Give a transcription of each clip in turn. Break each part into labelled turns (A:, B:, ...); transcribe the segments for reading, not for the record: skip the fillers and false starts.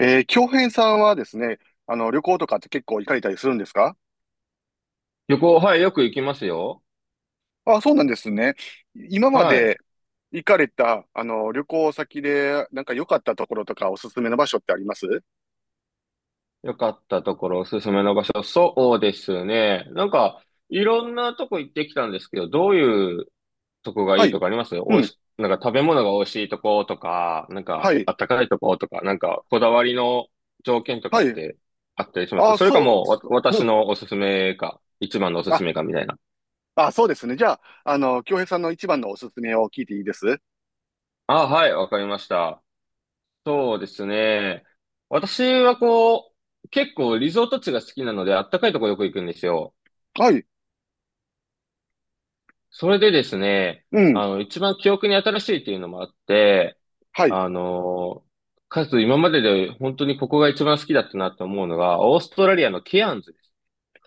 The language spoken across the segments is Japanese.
A: 京平さんはですね、旅行とかって結構行かれたりするんですか？
B: 旅行、はい、よく行きますよ。
A: あ、そうなんですね。今ま
B: はい。
A: で行かれた、旅行先で、なんか良かったところとかおすすめの場所ってあります
B: よかったところ、おすすめの場所。そうですね。なんか、いろんなとこ行ってきたんですけど、どういうとこが
A: は
B: いい
A: い。
B: とかあります
A: う
B: おい
A: ん。
B: し、なんか食べ物が美味しいとことか、なん
A: は
B: か、
A: い。
B: あったかいとことか、なんか、こだわりの条件とか
A: は
B: っ
A: い。
B: てあったりします
A: あ、
B: それか
A: そう、
B: もう、わ
A: そう。う
B: 私
A: ん。
B: のおすすめか、一番のおす
A: あ、
B: すめかみたいな。
A: あ、そうですね。じゃあ、京平さんの一番のおすすめを聞いていいです
B: あ、はい、わかりました。そうですね。私はこう、結構リゾート地が好きなので、あったかいとこよく行くんですよ。
A: はい。
B: それでですね、
A: うん。
B: あの、一番記憶に新しいっていうのもあって、
A: はい。
B: あの、かつ今までで本当にここが一番好きだったなって思うのが、オーストラリアのケアンズです。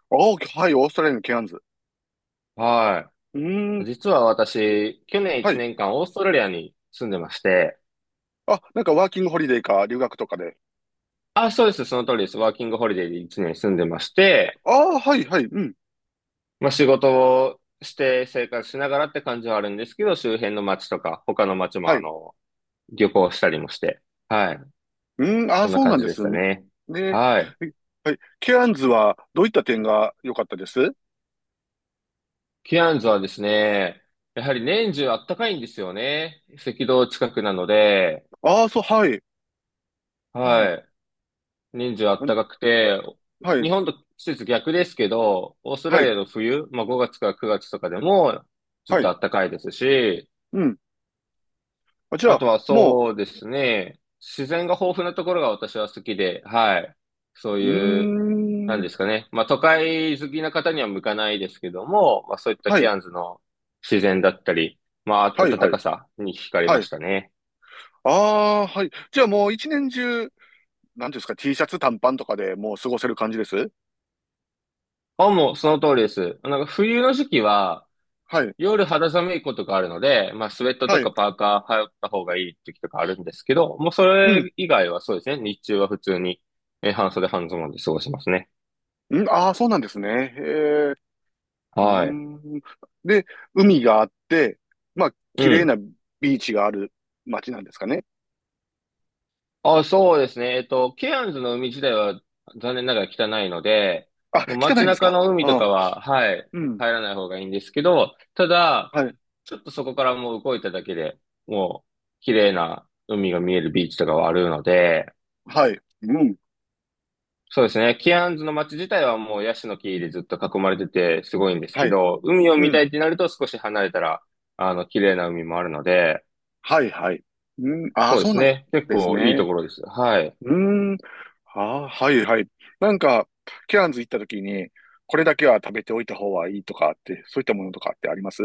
A: お、はい。オーストラリアのケアンズ。
B: は
A: うー
B: い。
A: ん。
B: 実は私、去年
A: は
B: 1
A: い。
B: 年間オーストラリアに住んでまして、
A: あ、なんかワーキングホリデーか留学とかで。
B: あ、そうです、その通りです。ワーキングホリデーで1年住んでまして、
A: ああ、はい、はい。うん。
B: まあ仕事をして生活しながらって感じはあるんですけど、周辺の街とか、他の街も
A: はい。
B: 旅行したりもして、はい。
A: うん、ああ、
B: そんな
A: そうな
B: 感
A: ん
B: じ
A: で
B: でし
A: す
B: た
A: ね。
B: ね。はい。
A: えはい。ケアンズはどういった点が良かったです
B: キアンズはですね、やはり年中あったかいんですよね。赤道近くなので、
A: ああー、そう、はい。うん。
B: はい。年中あっ
A: あ
B: たかくて、
A: はい、
B: 日本と季節逆ですけど、オースト
A: は
B: ラリ
A: い、
B: アの冬、まあ5月から9月とかでもずっ
A: は
B: と
A: い。
B: あったかいですし、
A: うん。あ、じゃ
B: あ
A: あ、
B: とは
A: も
B: そうですね。自然が豊富なところが私は好きで、はい。そう
A: う、う
B: いう、な
A: ー
B: んで
A: ん。
B: すかね。まあ都会好きな方には向かないですけども、まあそういった
A: は
B: ケ
A: い、
B: アンズの自然だったり、ま
A: は
B: あ
A: い、
B: 暖
A: はい、
B: かさに惹かれ
A: は
B: まし
A: い。
B: たね。
A: ああ、はい。じゃあもう一年中、なんていうんですか、T シャツ短パンとかでもう過ごせる感じです
B: あ、もうその通りです。なんか冬の時期は
A: はい、
B: 夜肌寒いことがあるので、まあスウェット
A: は
B: と
A: い。
B: かパーカー羽織った方がいい時とかあるんですけど、もうそ
A: うん。
B: れ以外はそうですね。日中は普通に半袖半ズボンで過ごしますね。
A: うん、ああ、そうなんですね。へえ。うー
B: はい。
A: ん。で、海があって、まあ、
B: う
A: 綺麗な
B: ん。
A: ビーチがある街なんですかね。
B: あ、そうですね。ケアンズの海自体は残念ながら汚いので、
A: あ、
B: もう
A: 汚い
B: 街
A: んです
B: 中
A: か？
B: の海とか
A: あ、
B: は、はい、
A: うん。
B: 入らない方がいいんですけど、ただ、
A: はい。
B: ちょっとそこからもう動いただけで、もう綺麗な海が見えるビーチとかはあるので、
A: はい。うん。
B: そうですね。ケアンズの街自体はもうヤシの木でずっと囲まれててすごいんです
A: は
B: け
A: い。
B: ど、海を
A: う
B: 見た
A: ん。
B: いってなると少し離れたら、あの、綺麗な海もあるので、
A: はい、はい。うん。あ、
B: そう
A: そ
B: で
A: う
B: す
A: なん
B: ね。結
A: です
B: 構いいと
A: ね。
B: ころです。はい。
A: うーん。あ、はい、はい。なんか、ケアンズ行った時に、これだけは食べておいた方がいいとかって、そういったものとかってあります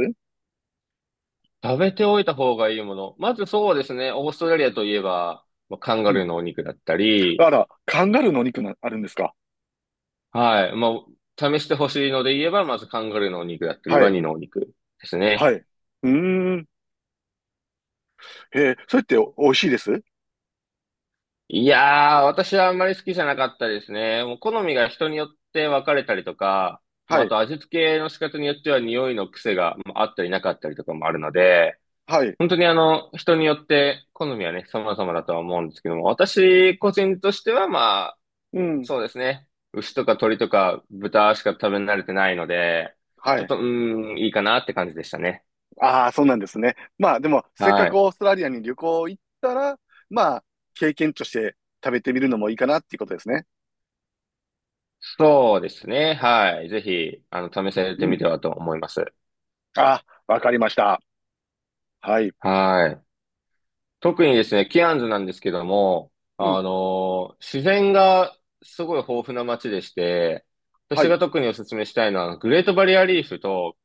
B: 食べておいた方がいいもの。まずそうですね。オーストラリアといえば、まあカンガ
A: う
B: ルー
A: ん。
B: のお肉だったり、
A: あら、カンガルーのお肉な、あるんですか？
B: はい。まあ、試してほしいので言えば、まずカンガルーのお肉だったり、
A: は
B: ワ
A: い。
B: ニのお肉です
A: は
B: ね。
A: い。うーん。へえ、それってお美味しいです
B: いやー、私はあんまり好きじゃなかったですね。もう好みが人によって分かれたりとか、ま
A: は
B: あ、あ
A: い。
B: と味付けの仕方によっては匂いの癖がまああったりなかったりとかもあるので、
A: はい。
B: 本当に人によって好みはね、様々だとは思うんですけども、私個人としてはま
A: うん。
B: そうですね。牛とか鳥とか豚しか食べ慣れてないので、
A: は
B: ちょっ
A: い。
B: と、うーん、いいかなって感じでしたね。
A: ああ、そうなんですね。まあでも、せっか
B: は
A: く
B: い。
A: オーストラリアに旅行行ったら、まあ、経験として食べてみるのもいいかなっていうことですね。
B: そうですね。はい。ぜひ、試されて
A: う
B: み
A: ん。
B: てはと思います。
A: ああ、わかりました。はい。
B: はい。特にですね、ケアンズなんですけども、
A: うん。
B: 自然がすごい豊富な街でして、
A: は
B: 私
A: い。
B: が特にお勧めしたいのは、グレートバリアリーフと、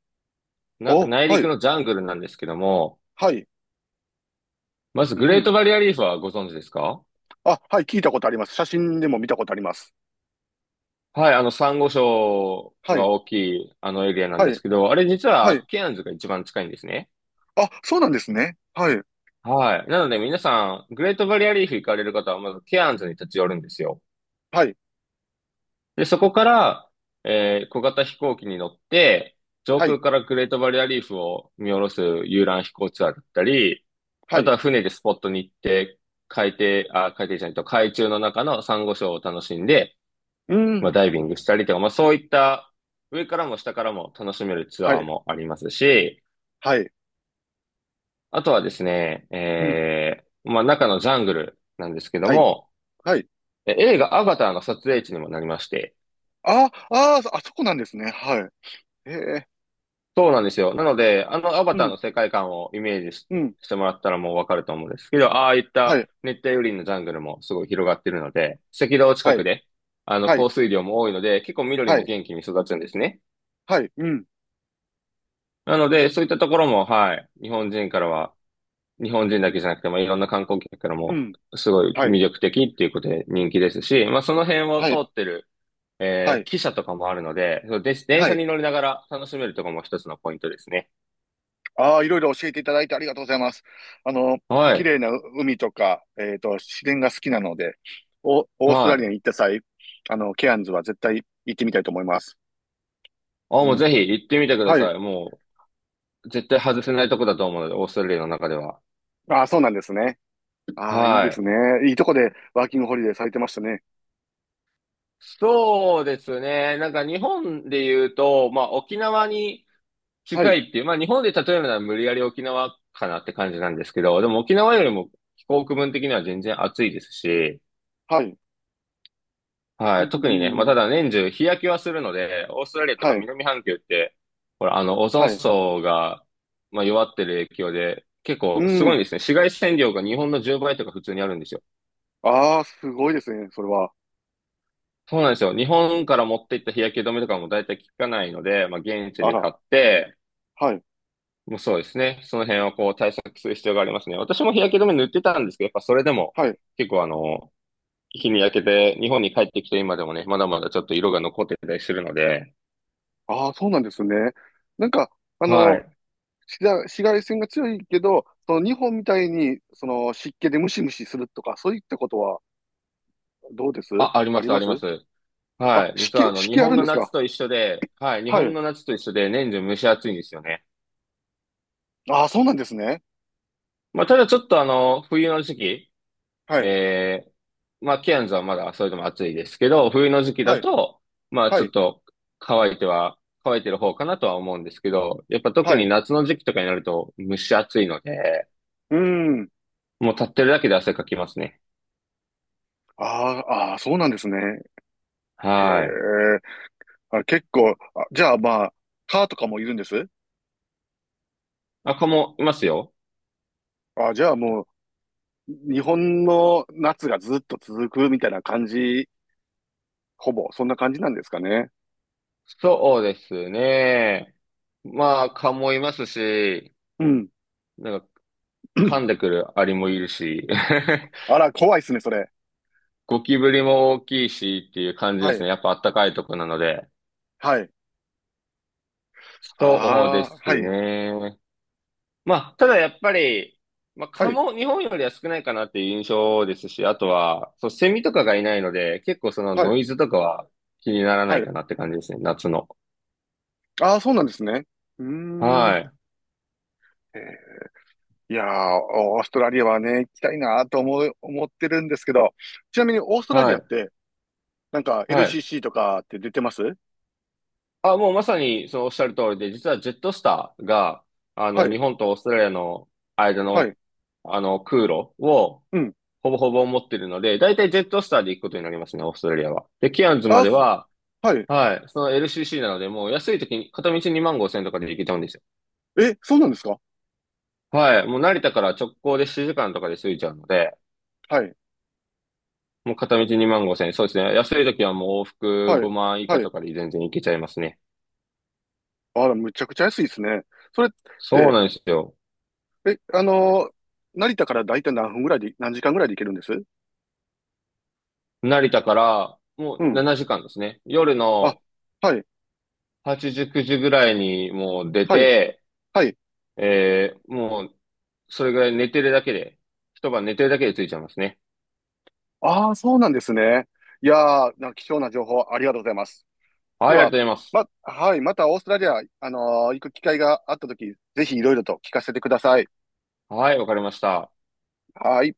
B: な、
A: お、
B: 内
A: は
B: 陸
A: い。
B: のジャングルなんですけども、
A: はい。
B: まず
A: う
B: グレー
A: ん。
B: トバリアリーフはご存知ですか？
A: あ、はい。聞いたことあります。写真でも見たことあります。
B: はい、サンゴ礁
A: は
B: が
A: い。
B: 大きい、あのエリアなん
A: は
B: で
A: い。
B: すけど、あれ実
A: は
B: は
A: い。
B: ケアンズが一番近いんですね。
A: あ、そうなんですね。はい。
B: はい。なので皆さん、グレートバリアリーフ行かれる方はまずケアンズに立ち寄るんですよ。
A: はい。
B: で、そこから、小型飛行機に乗って、上
A: はい。
B: 空からグレートバリアリーフを見下ろす遊覧飛行ツアーだったり、
A: は
B: あと
A: い。
B: は船でスポットに行って、海底、あ、海底じゃないと、海中の中のサンゴ礁を楽しんで、
A: う
B: まあ、
A: ん。
B: ダイビングしたりとか、まあ、そういった上からも下からも楽しめるツ
A: は
B: アー
A: い。
B: もありますし、
A: はい。
B: あとはですね、
A: うん。
B: まあ、中のジャングルなんですけど
A: はい。
B: も、
A: はい。
B: 映画アバターの撮影地にもなりまして、
A: ああ、あそこなんですね。はい。へえ。
B: そうなんですよ。なので、あのアバ
A: う
B: ターの
A: ん。
B: 世界観をイメージし、
A: うん。
B: してもらったらもうわかると思うんですけど、ああいっ
A: は
B: た
A: い。
B: 熱帯雨林のジャングルもすごい広がってるので、赤道近
A: は
B: く
A: い。
B: で、あの、
A: はい。
B: 降水量も多いので、結構緑
A: は
B: も
A: い。
B: 元気に育つんですね。
A: はい、うん、
B: なので、そういったところも、はい、日本人からは、日本人だけじゃなくて、まあ、いろんな観光客から
A: う
B: も
A: ん、
B: すごい
A: はい、
B: 魅力的っていうことで人気ですし、まあ、その辺を
A: は
B: 通
A: い、
B: ってる、
A: はい、
B: 汽車とかもあるので、そうで、電
A: は
B: 車
A: い。
B: に乗りながら楽しめるとこも一つのポイントですね。
A: ああ、いろいろ教えていただいてありがとうございます。あの、
B: は
A: 綺
B: い。
A: 麗な海とか、自然が好きなので、オースト
B: は
A: ラリ
B: い。
A: アに行った際、ケアンズは絶対行ってみたいと思います。
B: あ、も
A: う
B: う
A: ん。
B: ぜひ行ってみてくだ
A: は
B: さ
A: い。
B: い。もう絶対外せないとこだと思うので、オーストラリアの中では。
A: ああ、そうなんですね。ああ、いいで
B: は
A: す
B: い。
A: ね。いいとこでワーキングホリデーされてましたね。
B: そうですね。なんか日本で言うと、まあ沖縄に
A: は
B: 近い
A: い、
B: っていう、まあ日本で例えるなら無理やり沖縄かなって感じなんですけど、でも沖縄よりも気候区分的には全然暑いですし、
A: はい。う
B: は
A: ん、
B: い、
A: う
B: 特にね、まあ
A: んう
B: ただ
A: ん、
B: 年中日焼けはするので、オーストラリアとか
A: はい、
B: 南半球って、ほら、オゾン
A: はい。
B: 層が、まあ、弱ってる影響で、結
A: う
B: 構すごい
A: ん。
B: んですね。紫外線量が日本の10倍とか普通にあるんですよ。
A: ああ、すごいですね、それは。
B: そうなんですよ。日本から持っていった日焼け止めとかも大体効かないので、まあ現地
A: あ
B: で
A: ら、
B: 買って、
A: はい、
B: もうそうですね。その辺をこう対策する必要がありますね。私も日焼け止め塗ってたんですけど、やっぱそれでも
A: はい。
B: 結構日に焼けて日本に帰ってきて今でもね、まだまだちょっと色が残ってたりするので、
A: ああ、そうなんですね。なんか、あ
B: は
A: の、
B: い。
A: 紫外線が強いけど、その日本みたいにその湿気でムシムシするとか、そういったことはどうです
B: あ、あり
A: あ
B: ま
A: り
B: す、
A: ま
B: あり
A: す？
B: ます。
A: あ、
B: はい。実は
A: 湿
B: 日
A: 気あ
B: 本
A: るん
B: の
A: です
B: 夏
A: か？
B: と一緒で、はい。日
A: は
B: 本
A: い。
B: の夏と一緒で年中蒸し暑いんですよね。
A: ああ、そうなんですね。
B: まあ、ただちょっと冬の時期、
A: はい。
B: えまあ、ケアンズはまだそれでも暑いですけど、冬の時期
A: は
B: だ
A: い。
B: と、まあ、
A: は
B: ちょっ
A: い。
B: と乾いては、乾いてる方かなとは思うんですけど、やっぱ特
A: は
B: に
A: い。
B: 夏の時期とかになると蒸し暑いので、
A: うーん。
B: もう立ってるだけで汗かきますね。
A: ああ、ああ、そうなんですね。へえ。
B: はい。
A: あ、結構、あ、じゃあまあ、蚊とかもいるんです
B: あ、蚊もいますよ。
A: あ、じゃあもう、日本の夏がずっと続くみたいな感じ、ほぼ、そんな感じなんですかね。
B: そうですね。まあ、蚊もいますし、
A: うん。
B: なんか噛んでく るアリもいるし、
A: あ ら、怖いっすね、それ。
B: ゴキブリも大きいしっていう感じ
A: は
B: です
A: い。
B: ね。やっぱ暖かいとこなので。
A: はい。
B: そうで
A: ああ、は
B: す
A: い、
B: ね。まあ、ただやっぱり、まあ、
A: は
B: 蚊
A: い、
B: も日本よりは少ないかなっていう印象ですし、あとは、そう、セミとかがいないので、結構その
A: は
B: ノ
A: い、
B: イズとかは気にならな
A: は
B: い
A: い。
B: かなって感じですね、夏の。
A: ああ、そうなんですね。うーん。
B: はい、
A: えーいやー、オーストラリアはね、行きたいなと思ってるんですけど、ちなみにオーストラ
B: は
A: リアっ
B: い、
A: て、なんか
B: はい。
A: LCC とかって出てます
B: あ、もうまさにそのおっしゃる通りで、実はジェットスターが、
A: はい、
B: 日本とオーストラリアの間
A: は
B: の、
A: い、
B: 空路を、
A: うん。
B: ほぼほぼ持ってるので、だいたいジェットスターで行くことになりますね、オーストラリアは。で、ケアンズ
A: あ
B: ま
A: ー、
B: では、
A: はい。
B: はい、その LCC なので、もう安い時に、片道2万5千円とかで行けちゃうんですよ？
A: え、そうなんですか？
B: はい。もう成田から直行で7時間とかで着いちゃうので、
A: はい、
B: もう片道2万5 0円。そうですね。安い時はもう往復
A: はい、
B: 5万以
A: は
B: 下
A: い。
B: とかで全然行けちゃいますね。
A: あら、むちゃくちゃ安いですね。それっ
B: そう
A: て、
B: なんですよ。
A: え、あのー成田から大体何時間ぐらいで行けるんです
B: 成田から
A: う
B: もう
A: ん。
B: 7時間ですね。夜
A: あ、
B: の
A: はい、
B: 8時、9時ぐらいにもう出
A: はい、
B: て、
A: はい。
B: もうそれぐらい寝てるだけで、一晩寝てるだけで着いちゃいますね。
A: ああ、そうなんですね。いやー、なんか貴重な情報ありがとうございます。で
B: はい、ありがとう
A: は、
B: ございます。
A: ま、はい、またオーストラリア、行く機会があったとき、ぜひいろいろと聞かせてください。
B: はい、わかりました。
A: はい。